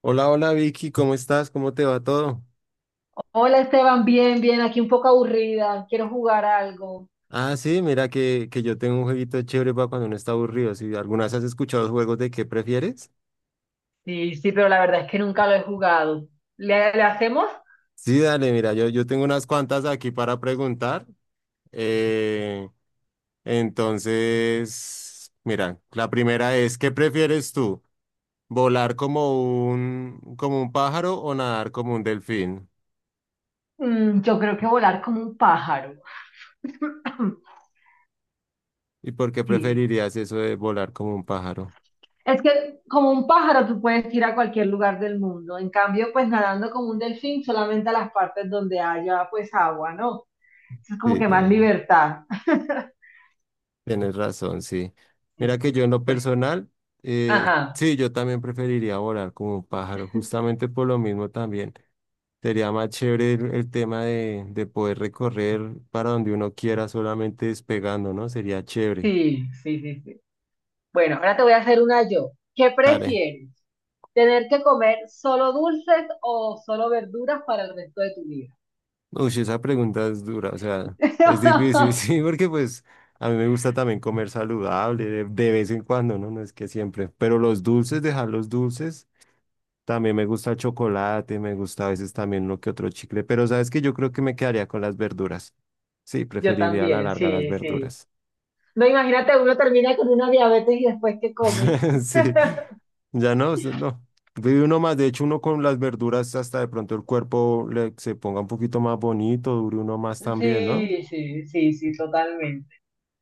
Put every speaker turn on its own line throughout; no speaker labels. Hola, hola Vicky, ¿cómo estás? ¿Cómo te va todo?
Hola Esteban, bien, bien, aquí un poco aburrida, quiero jugar algo.
Ah, sí, mira que yo tengo un jueguito chévere para cuando uno está aburrido. Si alguna vez has escuchado los juegos de qué prefieres.
Sí, sí, pero la verdad es que nunca lo he jugado. ¿Le hacemos?
Sí, dale, mira, yo tengo unas cuantas aquí para preguntar. Eh, entonces, mira, la primera es, ¿qué prefieres tú? ¿Volar como un pájaro o nadar como un delfín?
Mm, yo creo que volar como un pájaro.
¿Y por qué
Sí,
preferirías eso de volar como un pájaro?
es que como un pájaro tú puedes ir a cualquier lugar del mundo, en cambio pues nadando como un delfín solamente a las partes donde haya pues agua, ¿no? Eso es como
Sí,
que más
tienes razón.
libertad.
Tienes razón, sí.
Sí.
Mira que yo en lo
Bueno,
personal,
ajá,
sí, yo también preferiría volar como un pájaro, justamente por lo mismo también. Sería más chévere el tema de poder recorrer para donde uno quiera solamente despegando, ¿no? Sería chévere.
sí, sí, sí, sí. Bueno, ahora te voy a hacer una yo. ¿Qué
Dale.
prefieres? ¿Tener que comer solo dulces o solo verduras para el resto de tu vida?
Uy, esa pregunta es dura, o sea, es difícil, sí, porque pues a mí me gusta también comer saludable de vez en cuando, ¿no? No es que siempre, pero los dulces, dejar los dulces. También me gusta el chocolate, me gusta a veces también uno que otro chicle, pero sabes que yo creo que me quedaría con las verduras. Sí,
Yo
preferiría a la
también,
larga las
sí, sí.
verduras.
No, imagínate, uno termina con una diabetes y después que come.
Sí, ya no, no. Vive uno más, de hecho uno con las verduras hasta de pronto el cuerpo se ponga un poquito más bonito, dure uno más también, ¿no?
Sí, sí, sí, sí, totalmente.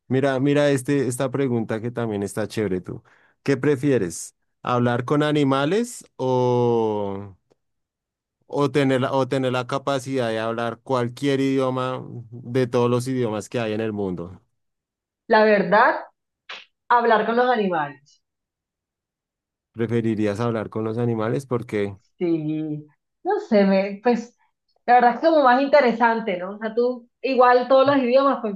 Mira, mira esta pregunta que también está chévere tú. ¿Qué prefieres? ¿Hablar con animales o... O tener la capacidad de hablar cualquier idioma de todos los idiomas que hay en el mundo.
La verdad, hablar con los animales.
¿Preferirías hablar con los animales? Porque
Sí, no sé, me, pues la verdad es como más interesante, ¿no? O sea, tú, igual todos los idiomas, pues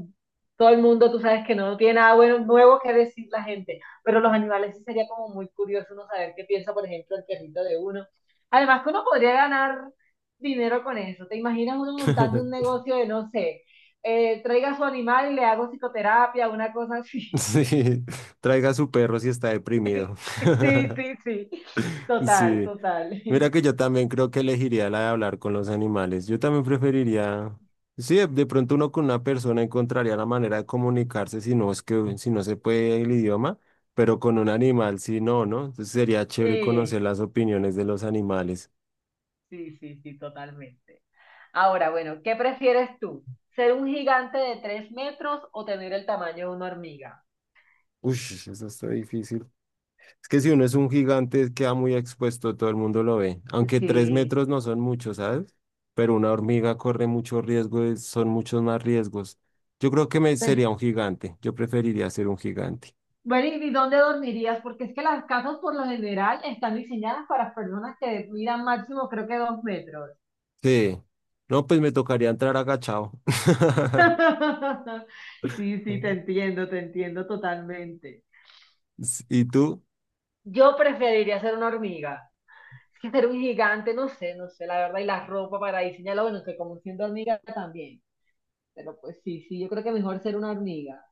todo el mundo, tú sabes que no tiene nada bueno, nuevo que decir la gente, pero los animales sí sería como muy curioso uno saber qué piensa, por ejemplo, el perrito de uno. Además que uno podría ganar dinero con eso. ¿Te imaginas uno montando un negocio de, no sé, traiga su animal y le hago psicoterapia, una cosa así?
sí, traiga a su perro si está deprimido.
Sí, sí, sí. Total,
Sí,
total.
mira que yo también creo que elegiría la de hablar con los animales. Yo también preferiría, sí, de pronto uno con una persona encontraría la manera de comunicarse si no es que si no se puede el idioma, pero con un animal sí no, ¿no? Entonces sería chévere
Sí.
conocer las opiniones de los animales.
Sí, sí, sí, totalmente. Ahora, bueno, ¿qué prefieres tú? ¿Ser un gigante de 3 metros o tener el tamaño de una hormiga?
Uy, eso está difícil. Es que si uno es un gigante, queda muy expuesto, todo el mundo lo ve. Aunque tres
Sí.
metros no son muchos, ¿sabes? Pero una hormiga corre mucho riesgo, son muchos más riesgos. Yo creo que me
Sí.
sería un gigante. Yo preferiría ser un gigante.
Bueno, ¿y dónde dormirías? Porque es que las casas por lo general están diseñadas para personas que midan máximo creo que 2 metros.
Sí. No, pues me tocaría entrar agachado.
Sí, sí, te entiendo totalmente.
¿Y tú?
Yo preferiría ser una hormiga. Es que ser un gigante, no sé, no sé, la verdad, y la ropa para diseñarlo, bueno, que como siendo hormiga también. Pero pues sí, sí, yo creo que mejor ser una hormiga.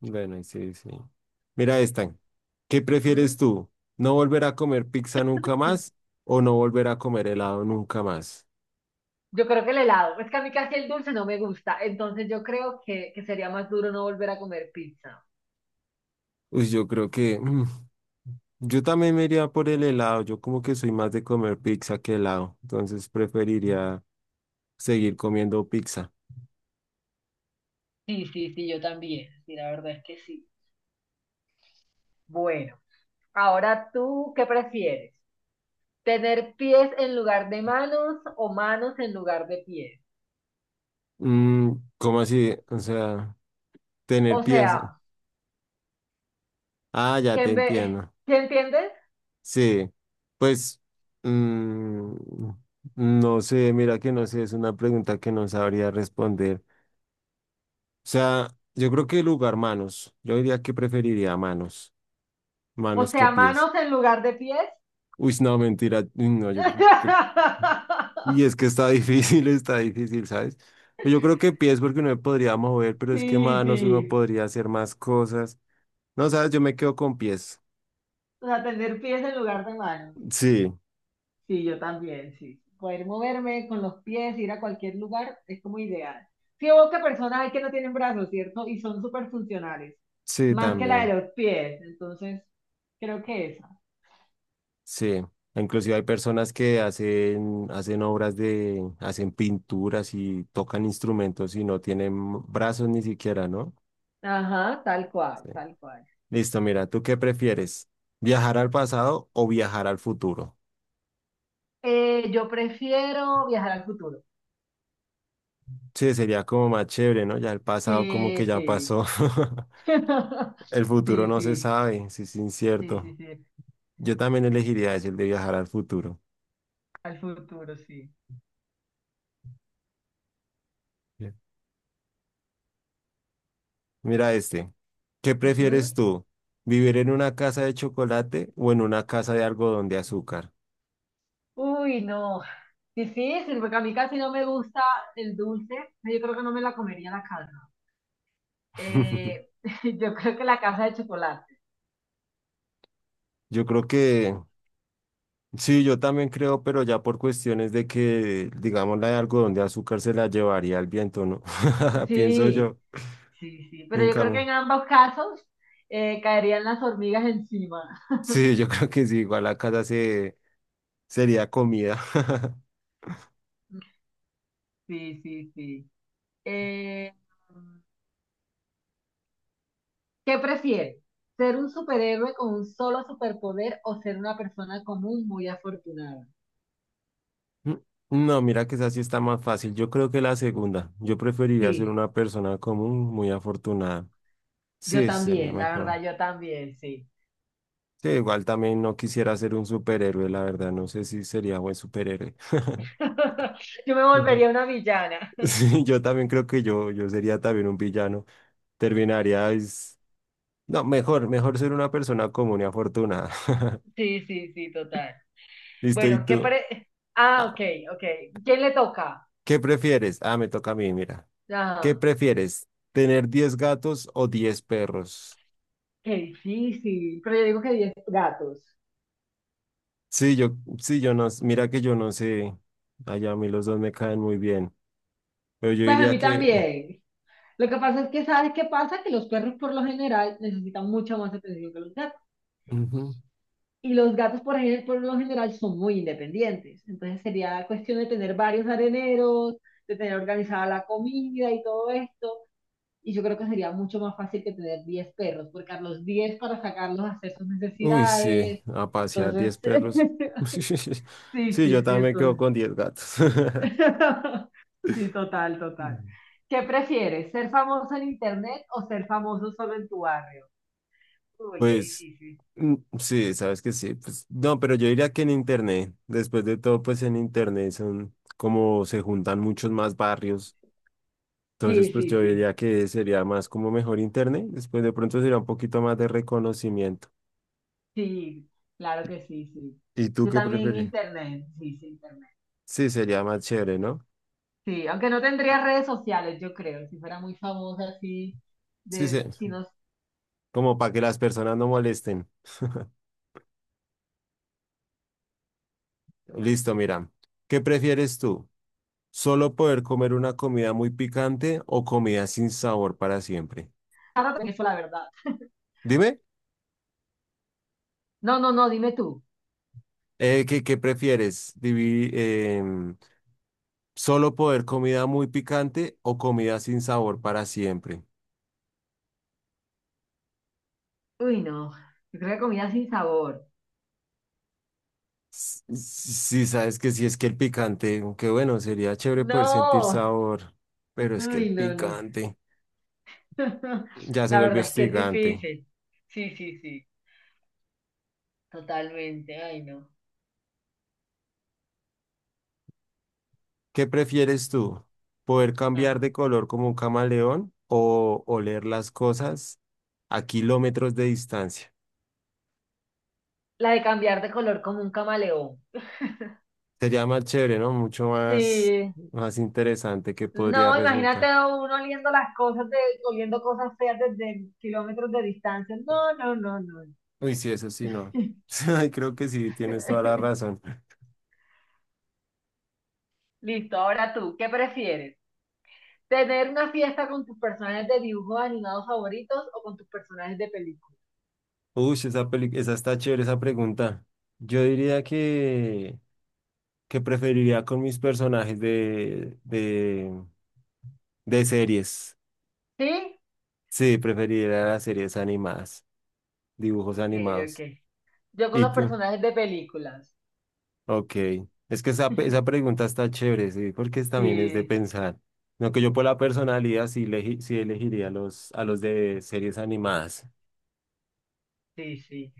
Bueno, y sí, sí. Mira esta. ¿Qué prefieres
Ujú.
tú? ¿No volver a comer pizza nunca más o no volver a comer helado nunca más?
Yo creo que el helado. Es que a mí casi el dulce no me gusta. Entonces yo creo que sería más duro no volver a comer pizza.
Uy, yo creo que yo también me iría por el helado. Yo como que soy más de comer pizza que helado, entonces preferiría seguir comiendo pizza.
Sí, sí, sí, yo también. Sí, la verdad es que sí. Bueno, ahora tú, ¿qué prefieres? ¿Tener pies en lugar de manos o manos en lugar de pies?
Mm, ¿cómo así? O sea, tener
O
pies.
sea,
Ah, ya
qué
te
en vez...
entiendo.
¿Sí entiendes?
Sí, pues mm, no sé, mira que no sé, es una pregunta que no sabría responder. O sea, yo creo que el lugar manos, yo diría que preferiría manos,
O
manos que
sea,
pies.
manos en lugar de pies.
Uy, no, mentira, uy, no, yo creo que... Y es que está difícil, está difícil, ¿sabes? Pues yo creo que pies porque uno me podría mover, pero es que
Sí,
manos uno
sí.
podría hacer más cosas. No, ¿sabes? Yo me quedo con pies.
O sea, tener pies en lugar de manos.
Sí,
Sí, yo también, sí. Poder moverme con los pies, ir a cualquier lugar, es como ideal. Sí, o que personas hay que no tienen brazos, ¿cierto? Y son súper funcionales,
sí,
más que la
también.
de los pies. Entonces, creo que esa.
Sí, inclusive hay personas que hacen obras hacen pinturas y tocan instrumentos y no tienen brazos ni siquiera, ¿no?
Ajá, tal cual,
Sí.
tal cual.
Listo, mira, ¿tú qué prefieres? ¿Viajar al pasado o viajar al futuro?
Yo prefiero viajar al futuro.
Sí, sería como más chévere, ¿no? Ya el pasado como que
Sí,
ya
sí.
pasó. El futuro
Sí,
no se
sí,
sabe, sí sí, es
sí,
incierto.
sí, sí.
Yo también elegiría ese, el de viajar al futuro.
Al futuro, sí.
Bien. Mira este, ¿qué
Ujú.
prefieres tú? ¿Vivir en una casa de chocolate o en una casa de algodón de azúcar?
Uy, no. Difícil, porque a mí casi no me gusta el dulce. Yo creo que no me la comería la calma. Eh, yo creo que la casa de chocolate.
Yo creo que sí, yo también creo, pero ya por cuestiones de que, digamos, la de algodón de azúcar se la llevaría el viento, ¿no? Pienso
Sí,
yo,
sí, sí. Pero
en
yo creo que
cambio.
en ambos casos caerían las hormigas encima.
Sí, yo creo que sí, igual la casa sería comida.
Sí, sí, sí. Eh, ¿Qué prefieres? ¿Ser un superhéroe con un solo superpoder o ser una persona común muy afortunada?
Mm, No, mira que esa sí está más fácil. Yo creo que la segunda. Yo preferiría ser
Sí,
una persona común, muy afortunada.
yo
Sí, sería
también, la
mejor.
verdad, yo también, sí.
Sí, igual también no quisiera ser un superhéroe, la verdad. No sé si sería buen superhéroe.
Yo me volvería una villana.
Sí, yo también creo que yo sería también un villano. Terminaría, es... no, mejor, mejor ser una persona común y afortunada.
Sí, sí, sí, total.
Listo, ¿y
Bueno, ¿qué
tú?
pare... Ah,
Ah,
ok, ok. ¿Quién le toca?
¿qué prefieres? Ah, me toca a mí, mira. ¿Qué
Ah,
prefieres? ¿Tener 10 gatos o 10 perros?
qué difícil. Pero yo digo que 10 gatos.
Sí, yo, sí, yo no, mira que yo no sé. Allá a mí los dos me caen muy bien. Pero yo
Pues a
diría
mí
que...
también. Lo que pasa es que, ¿sabes qué pasa? Que los perros por lo general necesitan mucha más atención que los gatos.
ujú.
Y los gatos por, por lo general son muy independientes. Entonces sería cuestión de tener varios areneros, de tener organizada la comida y todo esto. Y yo creo que sería mucho más fácil que tener 10 perros, porque a los 10 para sacarlos a hacer sus
Uy, sí,
necesidades.
a pasear
Entonces,
10 perros.
sí,
Sí,
sí,
yo
sí,
también quedo
entonces
con 10 gatos.
Sí, total, total. ¿Qué prefieres, ser famoso en internet o ser famoso solo en tu barrio? Uy, qué
Pues
difícil.
sí, sabes que sí. Pues, no, pero yo diría que en Internet, después de todo, pues en Internet son como se juntan muchos más barrios. Entonces,
Sí,
pues
sí,
yo diría
sí,
que sería más como mejor Internet. Después de pronto sería un poquito más de reconocimiento.
sí, claro que sí, sí.
¿Y tú
Yo
qué
también
prefieres?
internet, sí, sí, internet.
Sí, sería más chévere, ¿no?
Sí, aunque no tendría redes sociales, yo creo, si fuera muy famosa así,
Sí, sí,
de, si no,
como para que las personas no molesten. Listo, mira. ¿Qué prefieres tú? ¿Solo poder comer una comida muy picante o comida sin sabor para siempre?
ahora también eso la verdad.
Dime.
No, no, no, dime tú.
¿Qué prefieres? Em, ¿Solo poder comida muy picante o comida sin sabor para siempre?
Uy, no, yo creo que comida sin sabor.
Sí, sabes que si es que el picante, aunque bueno, sería chévere poder sentir
No,
sabor, pero es que el
uy, no, no.
picante ya se
La
vuelve
verdad es que es
hostigante.
difícil. Sí, sí, sí, totalmente. Ay, no.
¿Qué prefieres tú? ¿Poder cambiar
Ajá.
de color como un camaleón o oler las cosas a kilómetros de distancia?
La de cambiar de color como un camaleón.
Sería más chévere, ¿no? Mucho más,
Sí.
más interesante que podría
No, imagínate
resultar.
uno oliendo las cosas, de, oliendo cosas feas desde kilómetros de distancia. No, no, no, no.
Uy, sí, eso sí, no. Ay, creo que sí, tienes toda la razón.
Listo, ahora tú, ¿qué prefieres? ¿Tener una fiesta con tus personajes de dibujos animados favoritos o con tus personajes de películas?
Uy, esa esa está chévere, esa pregunta. Yo diría que preferiría con mis personajes de series.
¿Sí?
Sí, preferiría las series animadas, dibujos
Ok, ok.
animados.
Yo con
¿Y
los
tú?
personajes de películas.
Ok. Es que esa, esa pregunta está chévere, sí, porque también es de
Sí,
pensar. No que yo por la personalidad sí, sí elegiría a los de series animadas.
sí, sí.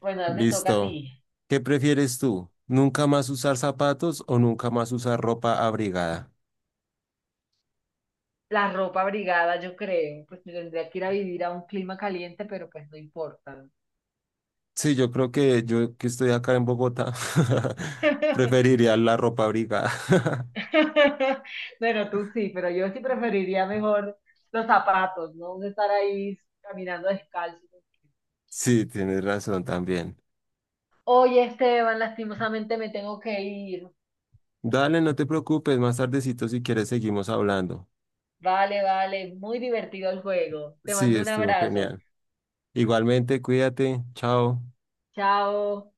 Bueno, ahora te toca a
Listo.
ti.
¿Qué prefieres tú? ¿Nunca más usar zapatos o nunca más usar ropa abrigada?
La ropa abrigada, yo creo. Pues me tendría que ir a vivir a un clima caliente, pero pues no importa.
Sí, yo creo que yo que estoy acá en Bogotá preferiría la ropa abrigada.
Bueno, tú sí, pero yo sí preferiría mejor los zapatos, ¿no? De estar ahí caminando descalzo.
Sí, tienes razón también.
Oye, Esteban, lastimosamente me tengo que ir.
Dale, no te preocupes, más tardecito si quieres seguimos hablando.
Vale, vale, muy divertido el juego. Te
Sí,
mando un
estuvo
abrazo.
genial. Igualmente, cuídate. Chao.
Chao.